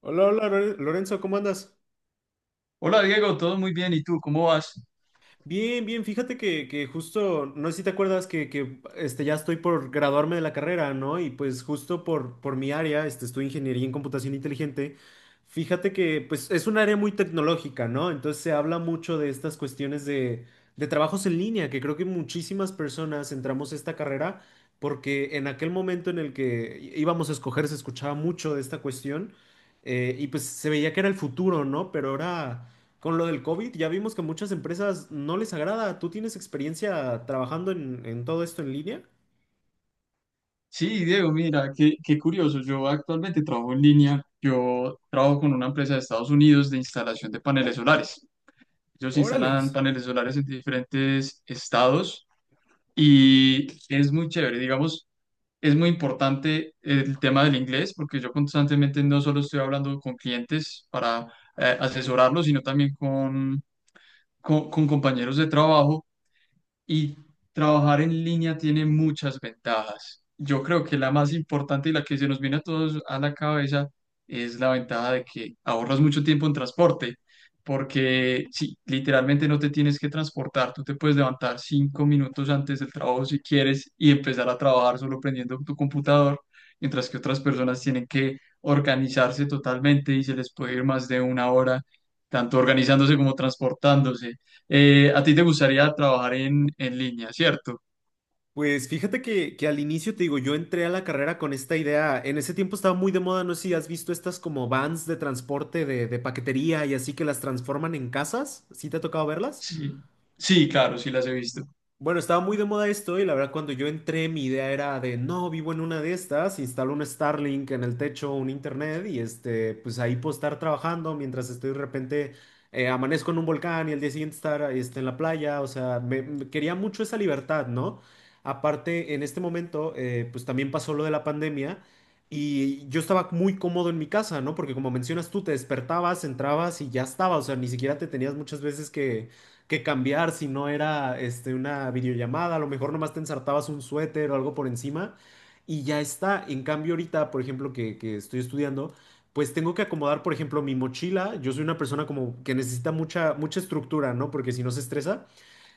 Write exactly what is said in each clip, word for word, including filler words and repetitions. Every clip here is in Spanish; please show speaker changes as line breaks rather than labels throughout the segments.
Hola, hola, Lore- Lorenzo, ¿cómo andas?
Hola Diego, todo muy bien. ¿Y tú cómo vas?
Bien, bien, fíjate que, que justo, no sé si te acuerdas que, que, este, ya estoy por graduarme de la carrera, ¿no? Y pues justo por, por mi área, este, estoy ingeniería en computación inteligente, fíjate que pues es un área muy tecnológica, ¿no? Entonces se habla mucho de estas cuestiones de, de trabajos en línea, que creo que muchísimas personas entramos a esta carrera porque en aquel momento en el que í- íbamos a escoger se escuchaba mucho de esta cuestión eh, y pues se veía que era el futuro, ¿no? Pero ahora... Con lo del COVID, ya vimos que a muchas empresas no les agrada. ¿Tú tienes experiencia trabajando en, en todo esto en línea?
Sí, Diego, mira, qué, qué curioso. Yo actualmente trabajo en línea. Yo trabajo con una empresa de Estados Unidos de instalación de paneles solares. Ellos instalan
Órales.
paneles solares en diferentes estados y es muy chévere. Digamos, es muy importante el tema del inglés porque yo constantemente no solo estoy hablando con clientes para eh, asesorarlos, sino también con, con con compañeros de trabajo. Y trabajar en línea tiene muchas ventajas. Yo creo que la más importante y la que se nos viene a todos a la cabeza es la ventaja de que ahorras mucho tiempo en transporte, porque sí, literalmente no te tienes que transportar, tú te puedes levantar cinco minutos antes del trabajo si quieres y empezar a trabajar solo prendiendo tu computador, mientras que otras personas tienen que organizarse totalmente y se les puede ir más de una hora, tanto organizándose como transportándose. Eh, a ti te gustaría trabajar en, en línea, ¿cierto?
Pues fíjate que, que al inicio te digo, yo entré a la carrera con esta idea. En ese tiempo estaba muy de moda, no sé si has visto estas como vans de transporte de, de paquetería y así que las transforman en casas. ¿Sí te ha tocado verlas?
Sí, sí, claro, sí las he visto.
Bueno, estaba muy de moda esto y la verdad cuando yo entré mi idea era de, no, vivo en una de estas, instalo un Starlink en el techo, un internet y este, pues ahí puedo estar trabajando mientras estoy de repente, eh, amanezco en un volcán y el día siguiente estar este, en la playa, o sea, me, me quería mucho esa libertad, ¿no? Aparte, en este momento, eh, pues también pasó lo de la pandemia y yo estaba muy cómodo en mi casa, ¿no? Porque como mencionas tú, te despertabas, entrabas y ya estaba, o sea, ni siquiera te tenías muchas veces que que cambiar si no era este, una videollamada, a lo mejor nomás te ensartabas un suéter o algo por encima y ya está. En cambio ahorita, por ejemplo, que, que estoy estudiando, pues tengo que acomodar, por ejemplo, mi mochila. Yo soy una persona como que necesita mucha, mucha estructura, ¿no? Porque si no se estresa.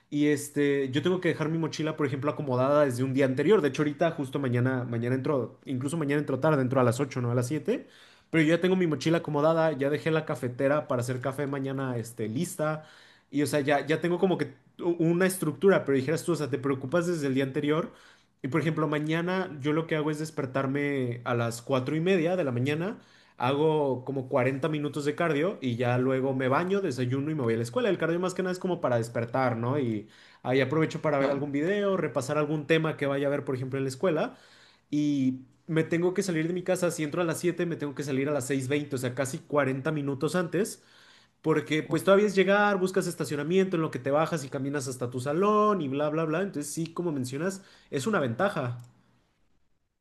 Y este, yo tengo que dejar mi mochila, por ejemplo, acomodada desde un día anterior. De hecho, ahorita justo mañana, mañana entro, incluso mañana entro tarde, entro a las ocho no a las siete. Pero yo ya tengo mi mochila acomodada, ya dejé la cafetera para hacer café mañana, este, lista. Y o sea, ya, ya tengo como que u- una estructura, pero dijeras tú, o sea, te preocupas desde el día anterior. Y por ejemplo, mañana yo lo que hago es despertarme a las cuatro y media de la mañana. Hago como cuarenta minutos de cardio y ya luego me baño, desayuno y me voy a la escuela. El cardio más que nada es como para despertar, ¿no? Y ahí aprovecho para ver algún
Claro.
video, repasar algún tema que vaya a ver, por ejemplo, en la escuela. Y me tengo que salir de mi casa, si entro a las siete me tengo que salir a las seis veinte, o sea, casi cuarenta minutos antes, porque pues todavía es llegar, buscas estacionamiento en lo que te bajas y caminas hasta tu salón y bla, bla, bla. Entonces sí, como mencionas, es una ventaja.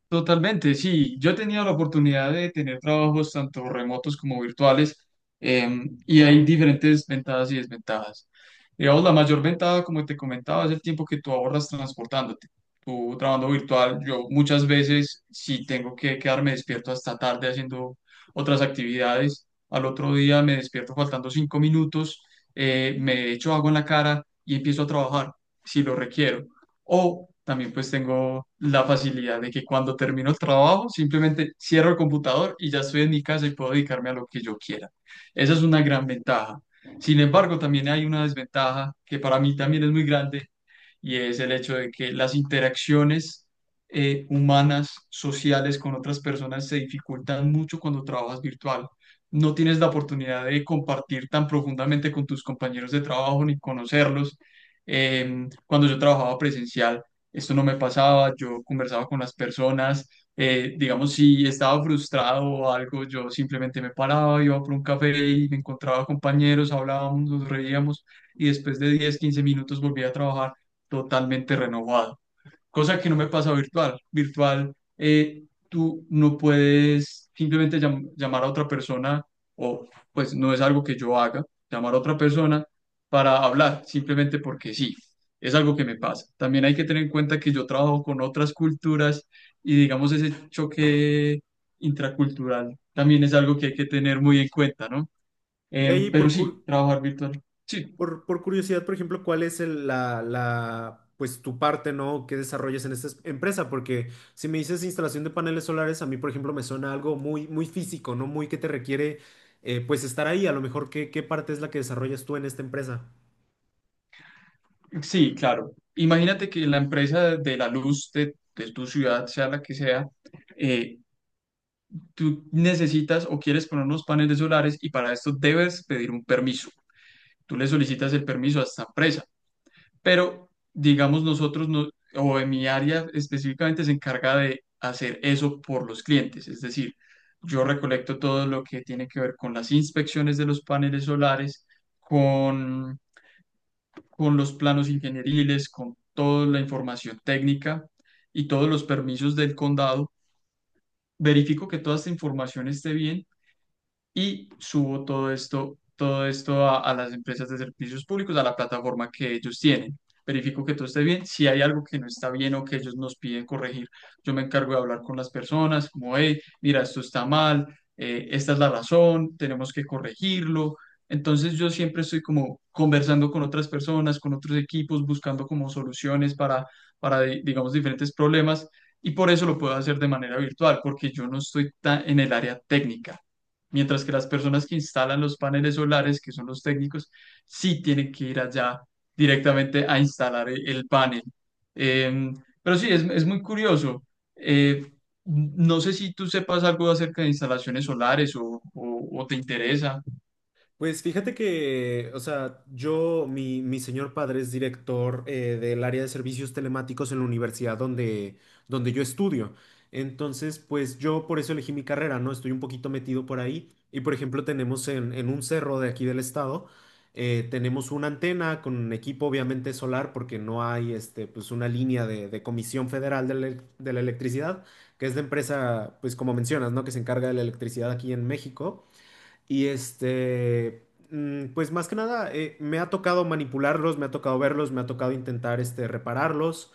Totalmente, sí. Yo he tenido la oportunidad de tener trabajos tanto remotos como virtuales, em, y hay diferentes ventajas y desventajas. Digamos, la mayor ventaja, como te comentaba, es el tiempo que tú ahorras transportándote. Tú trabajando virtual, yo muchas veces si tengo que quedarme despierto hasta tarde haciendo otras actividades. Al otro día me despierto faltando cinco minutos, eh, me echo agua en la cara y empiezo a trabajar si lo requiero. O también pues tengo la facilidad de que cuando termino el trabajo simplemente cierro el computador y ya estoy en mi casa y puedo dedicarme a lo que yo quiera. Esa es una gran ventaja. Sin embargo, también hay una desventaja que para mí también es muy grande y es el hecho de que las interacciones eh, humanas, sociales con otras personas se dificultan mucho cuando trabajas virtual. No tienes la oportunidad de compartir tan profundamente con tus compañeros de trabajo ni conocerlos. Eh, cuando yo trabajaba presencial, esto no me pasaba, yo conversaba con las personas, eh, digamos, si estaba frustrado o algo, yo simplemente me paraba, iba por un café y me encontraba compañeros, hablábamos, nos reíamos y después de diez quince minutos volvía a trabajar totalmente renovado, cosa que no me pasa virtual. Virtual, eh, tú no puedes simplemente llam- llamar a otra persona o pues no es algo que yo haga, llamar a otra persona para hablar, simplemente porque sí, es algo que me pasa. También hay que tener en cuenta que yo trabajo con otras culturas y digamos ese choque intracultural también es algo que hay que tener muy en cuenta, ¿no?
Y
Em,
ahí
pero sí,
procuro.
trabajar virtual. Sí.
Por, por curiosidad, por ejemplo, ¿cuál es el- la, la, pues tu parte, ¿no? ¿Qué desarrollas en esta es- empresa? Porque si me dices instalación de paneles solares, a mí, por ejemplo, me suena algo muy, muy físico, ¿no? Muy que te requiere, eh, pues, estar ahí. A lo mejor, ¿qué, qué parte es la que desarrollas tú en esta empresa?
Sí, claro. Imagínate que la empresa de la luz de, de tu ciudad, sea la que sea, eh, tú necesitas o quieres poner unos paneles solares y para esto debes pedir un permiso. Tú le solicitas el permiso a esta empresa, pero digamos nosotros, no, o en mi área específicamente, se encarga de hacer eso por los clientes. Es decir, yo recolecto todo lo que tiene que ver con las inspecciones de los paneles solares, con los planos ingenieriles, con toda la información técnica y todos los permisos del condado. Verifico que toda esta información esté bien y subo todo esto, todo esto a, a las empresas de servicios públicos, a la plataforma que ellos tienen. Verifico que todo esté bien. Si hay algo que no está bien o que ellos nos piden corregir, yo me encargo de hablar con las personas, como, hey, mira, esto está mal, eh, esta es la razón, tenemos que corregirlo. Entonces yo siempre estoy como conversando con otras personas, con otros equipos, buscando como soluciones para, para di- digamos, diferentes problemas y por eso lo puedo hacer de manera virtual, porque yo no estoy tan en el área técnica. Mientras que las personas que instalan los paneles solares, que son los técnicos, sí tienen que ir allá directamente a instalar e- el panel. Em, pero sí, es, es muy curioso. Eh, no sé si tú sepas algo acerca de instalaciones solares o, o- o te interesa.
Pues fíjate que, o sea, yo, mi, mi señor padre es director eh, del área de servicios telemáticos en la universidad donde, donde yo estudio. Entonces, pues yo por eso elegí mi carrera, ¿no? Estoy un poquito metido por ahí. Y por ejemplo, tenemos en, en un cerro de aquí del estado, eh, tenemos una antena con un equipo obviamente solar porque no hay, este, pues una línea de, de Comisión Federal de la, elec- de la Electricidad, que es la empresa, pues como mencionas, ¿no? Que se encarga de la electricidad aquí en México. Y este, mm, pues más que nada, eh, me ha tocado manipularlos, me ha tocado verlos, me ha tocado intentar este, repararlos.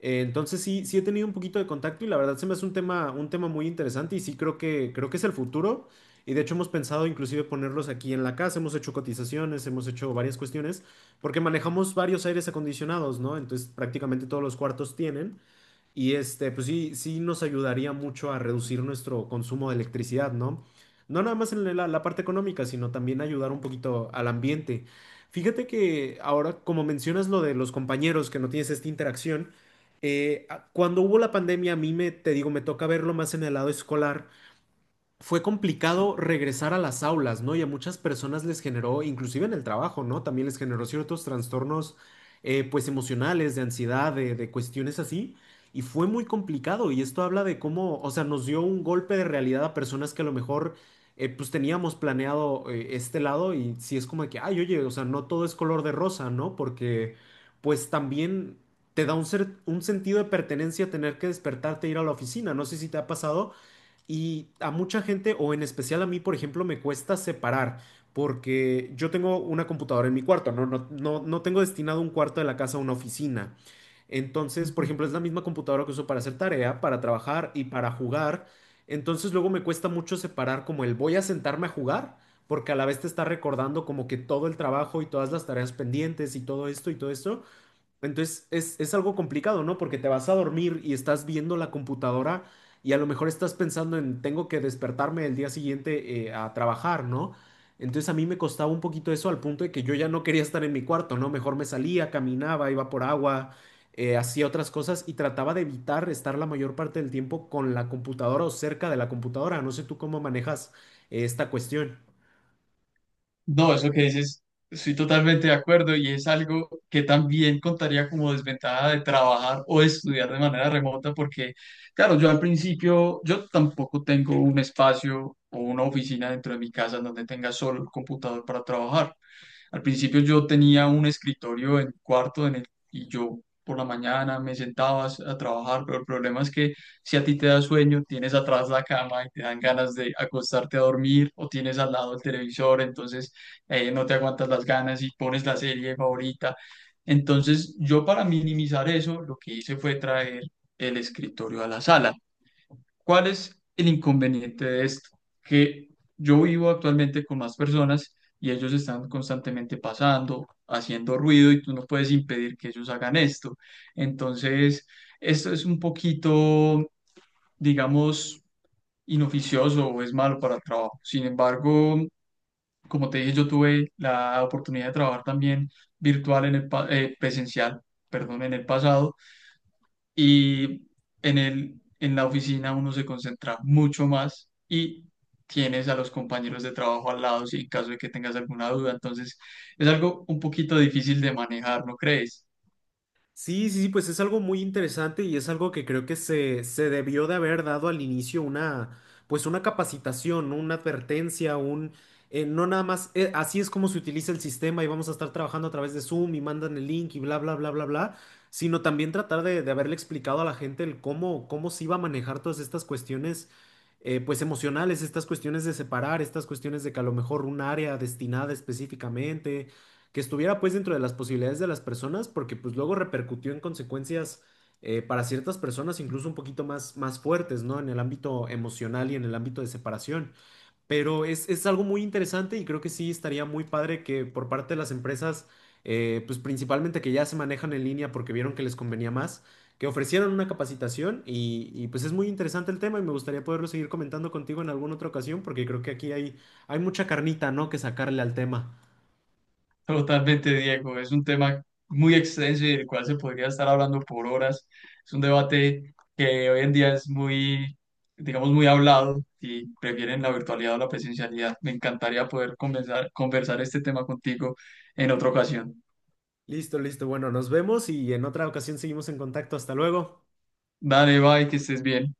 Eh, entonces sí, sí he tenido un poquito de contacto y la verdad se me hace un tema, un tema muy interesante y sí creo que, creo que es el futuro. Y de hecho hemos pensado inclusive ponerlos aquí en la casa, hemos hecho cotizaciones, hemos hecho varias cuestiones, porque manejamos varios aires acondicionados, ¿no? Entonces prácticamente todos los cuartos tienen. Y este, pues sí, sí nos ayudaría mucho a reducir nuestro consumo de electricidad, ¿no? No nada más en la, la parte económica, sino también ayudar un poquito al ambiente. Fíjate que ahora, como mencionas lo de los compañeros, que no tienes esta interacción, eh, a- cuando hubo la pandemia, a mí me, te digo, me toca verlo más en el lado escolar, fue
Sí.
complicado regresar a las aulas, ¿no? Y a muchas personas les generó, inclusive en el trabajo, ¿no? También les generó ciertos trastornos, eh, pues emocionales, de ansiedad, de, de cuestiones así. Y fue muy complicado. Y esto habla de cómo, o sea, nos dio un golpe de realidad a personas que a lo mejor, eh, pues teníamos planeado, eh, este lado. Y sí es como de que, ay, oye, o sea, no todo es color de rosa, ¿no? Porque, pues también te da un, ser- un sentido de pertenencia tener que despertarte e ir a la oficina. No sé si te ha pasado y a mucha gente, o en especial a mí, por ejemplo, me cuesta separar, porque yo tengo una computadora en mi cuarto, no, no, no, no tengo destinado un cuarto de la casa a una oficina. Entonces, por ejemplo, es la misma computadora que uso para hacer tarea, para trabajar y para jugar. Entonces, luego me cuesta mucho separar como el voy a sentarme a jugar, porque a la vez te está recordando como que todo el trabajo y todas las tareas pendientes y todo esto y todo esto. Entonces es, es algo complicado, ¿no? Porque te vas a dormir y estás viendo la computadora y a lo mejor estás pensando en tengo que despertarme el día siguiente eh, a trabajar, ¿no? Entonces a mí me costaba un poquito eso al punto de que yo ya no quería estar en mi cuarto, ¿no? Mejor me salía, caminaba, iba por agua, eh, hacía otras cosas y trataba de evitar estar la mayor parte del tiempo con la computadora o cerca de la computadora. No sé tú cómo manejas eh, esta cuestión.
No, eso que dices, estoy totalmente de acuerdo y es algo que también contaría como desventaja de trabajar o de estudiar de manera remota porque, claro, yo al principio, yo tampoco tengo un espacio o una oficina dentro de mi casa en donde tenga solo el computador para trabajar. Al principio yo tenía un escritorio en mi cuarto en el, y yo por la mañana me sentaba a trabajar, pero el problema es que si a ti te da sueño, tienes atrás la cama y te dan ganas de acostarte a dormir o tienes al lado el televisor, entonces eh, no te aguantas las ganas y pones la serie favorita. Entonces yo para minimizar eso, lo que hice fue traer el escritorio a la sala. ¿Cuál es el inconveniente de esto? Que yo vivo actualmente con más personas y ellos están constantemente pasando, haciendo ruido y tú no puedes impedir que ellos hagan esto. Entonces, esto es un poquito, digamos, inoficioso o es malo para el trabajo. Sin embargo, como te dije, yo tuve la oportunidad de trabajar también virtual en el pa- eh, presencial, perdón, en el pasado y en el, en la oficina uno se concentra mucho más y tienes a los compañeros de trabajo al lado si en caso de que tengas alguna duda. Entonces, es algo un poquito difícil de manejar, ¿no crees?
Sí, sí, sí, pues es algo muy interesante y es algo que creo que se, se debió de haber dado al inicio una, pues una capacitación, ¿no? Una advertencia, un, eh, no nada más, eh, así es como se utiliza el sistema y vamos a estar trabajando a través de Zoom y mandan el link y bla, bla, bla, bla, bla, sino también tratar de, de haberle explicado a la gente el cómo, cómo se iba a manejar todas estas cuestiones, eh, pues emocionales, estas cuestiones de separar, estas cuestiones de que a lo mejor un área destinada específicamente que estuviera pues dentro de las posibilidades de las personas, porque pues luego repercutió en consecuencias eh, para ciertas personas incluso un poquito más, más fuertes, ¿no? En el ámbito emocional y en el ámbito de separación. Pero es, es algo muy interesante y creo que sí estaría muy padre que por parte de las empresas, eh, pues principalmente que ya se manejan en línea porque vieron que les convenía más, que ofrecieran una capacitación y, y pues es muy interesante el tema y me gustaría poderlo seguir comentando contigo en alguna otra ocasión porque creo que aquí hay, hay mucha carnita, ¿no? Que sacarle al tema.
Totalmente, Diego. Es un tema muy extenso y del cual se podría estar hablando por horas. Es un debate que hoy en día es muy, digamos, muy hablado y prefieren la virtualidad o la presencialidad. Me encantaría poder conversar, conversar este tema contigo en otra ocasión.
Listo, listo. Bueno, nos vemos y en otra ocasión seguimos en contacto. Hasta luego.
Dale, bye, que estés bien.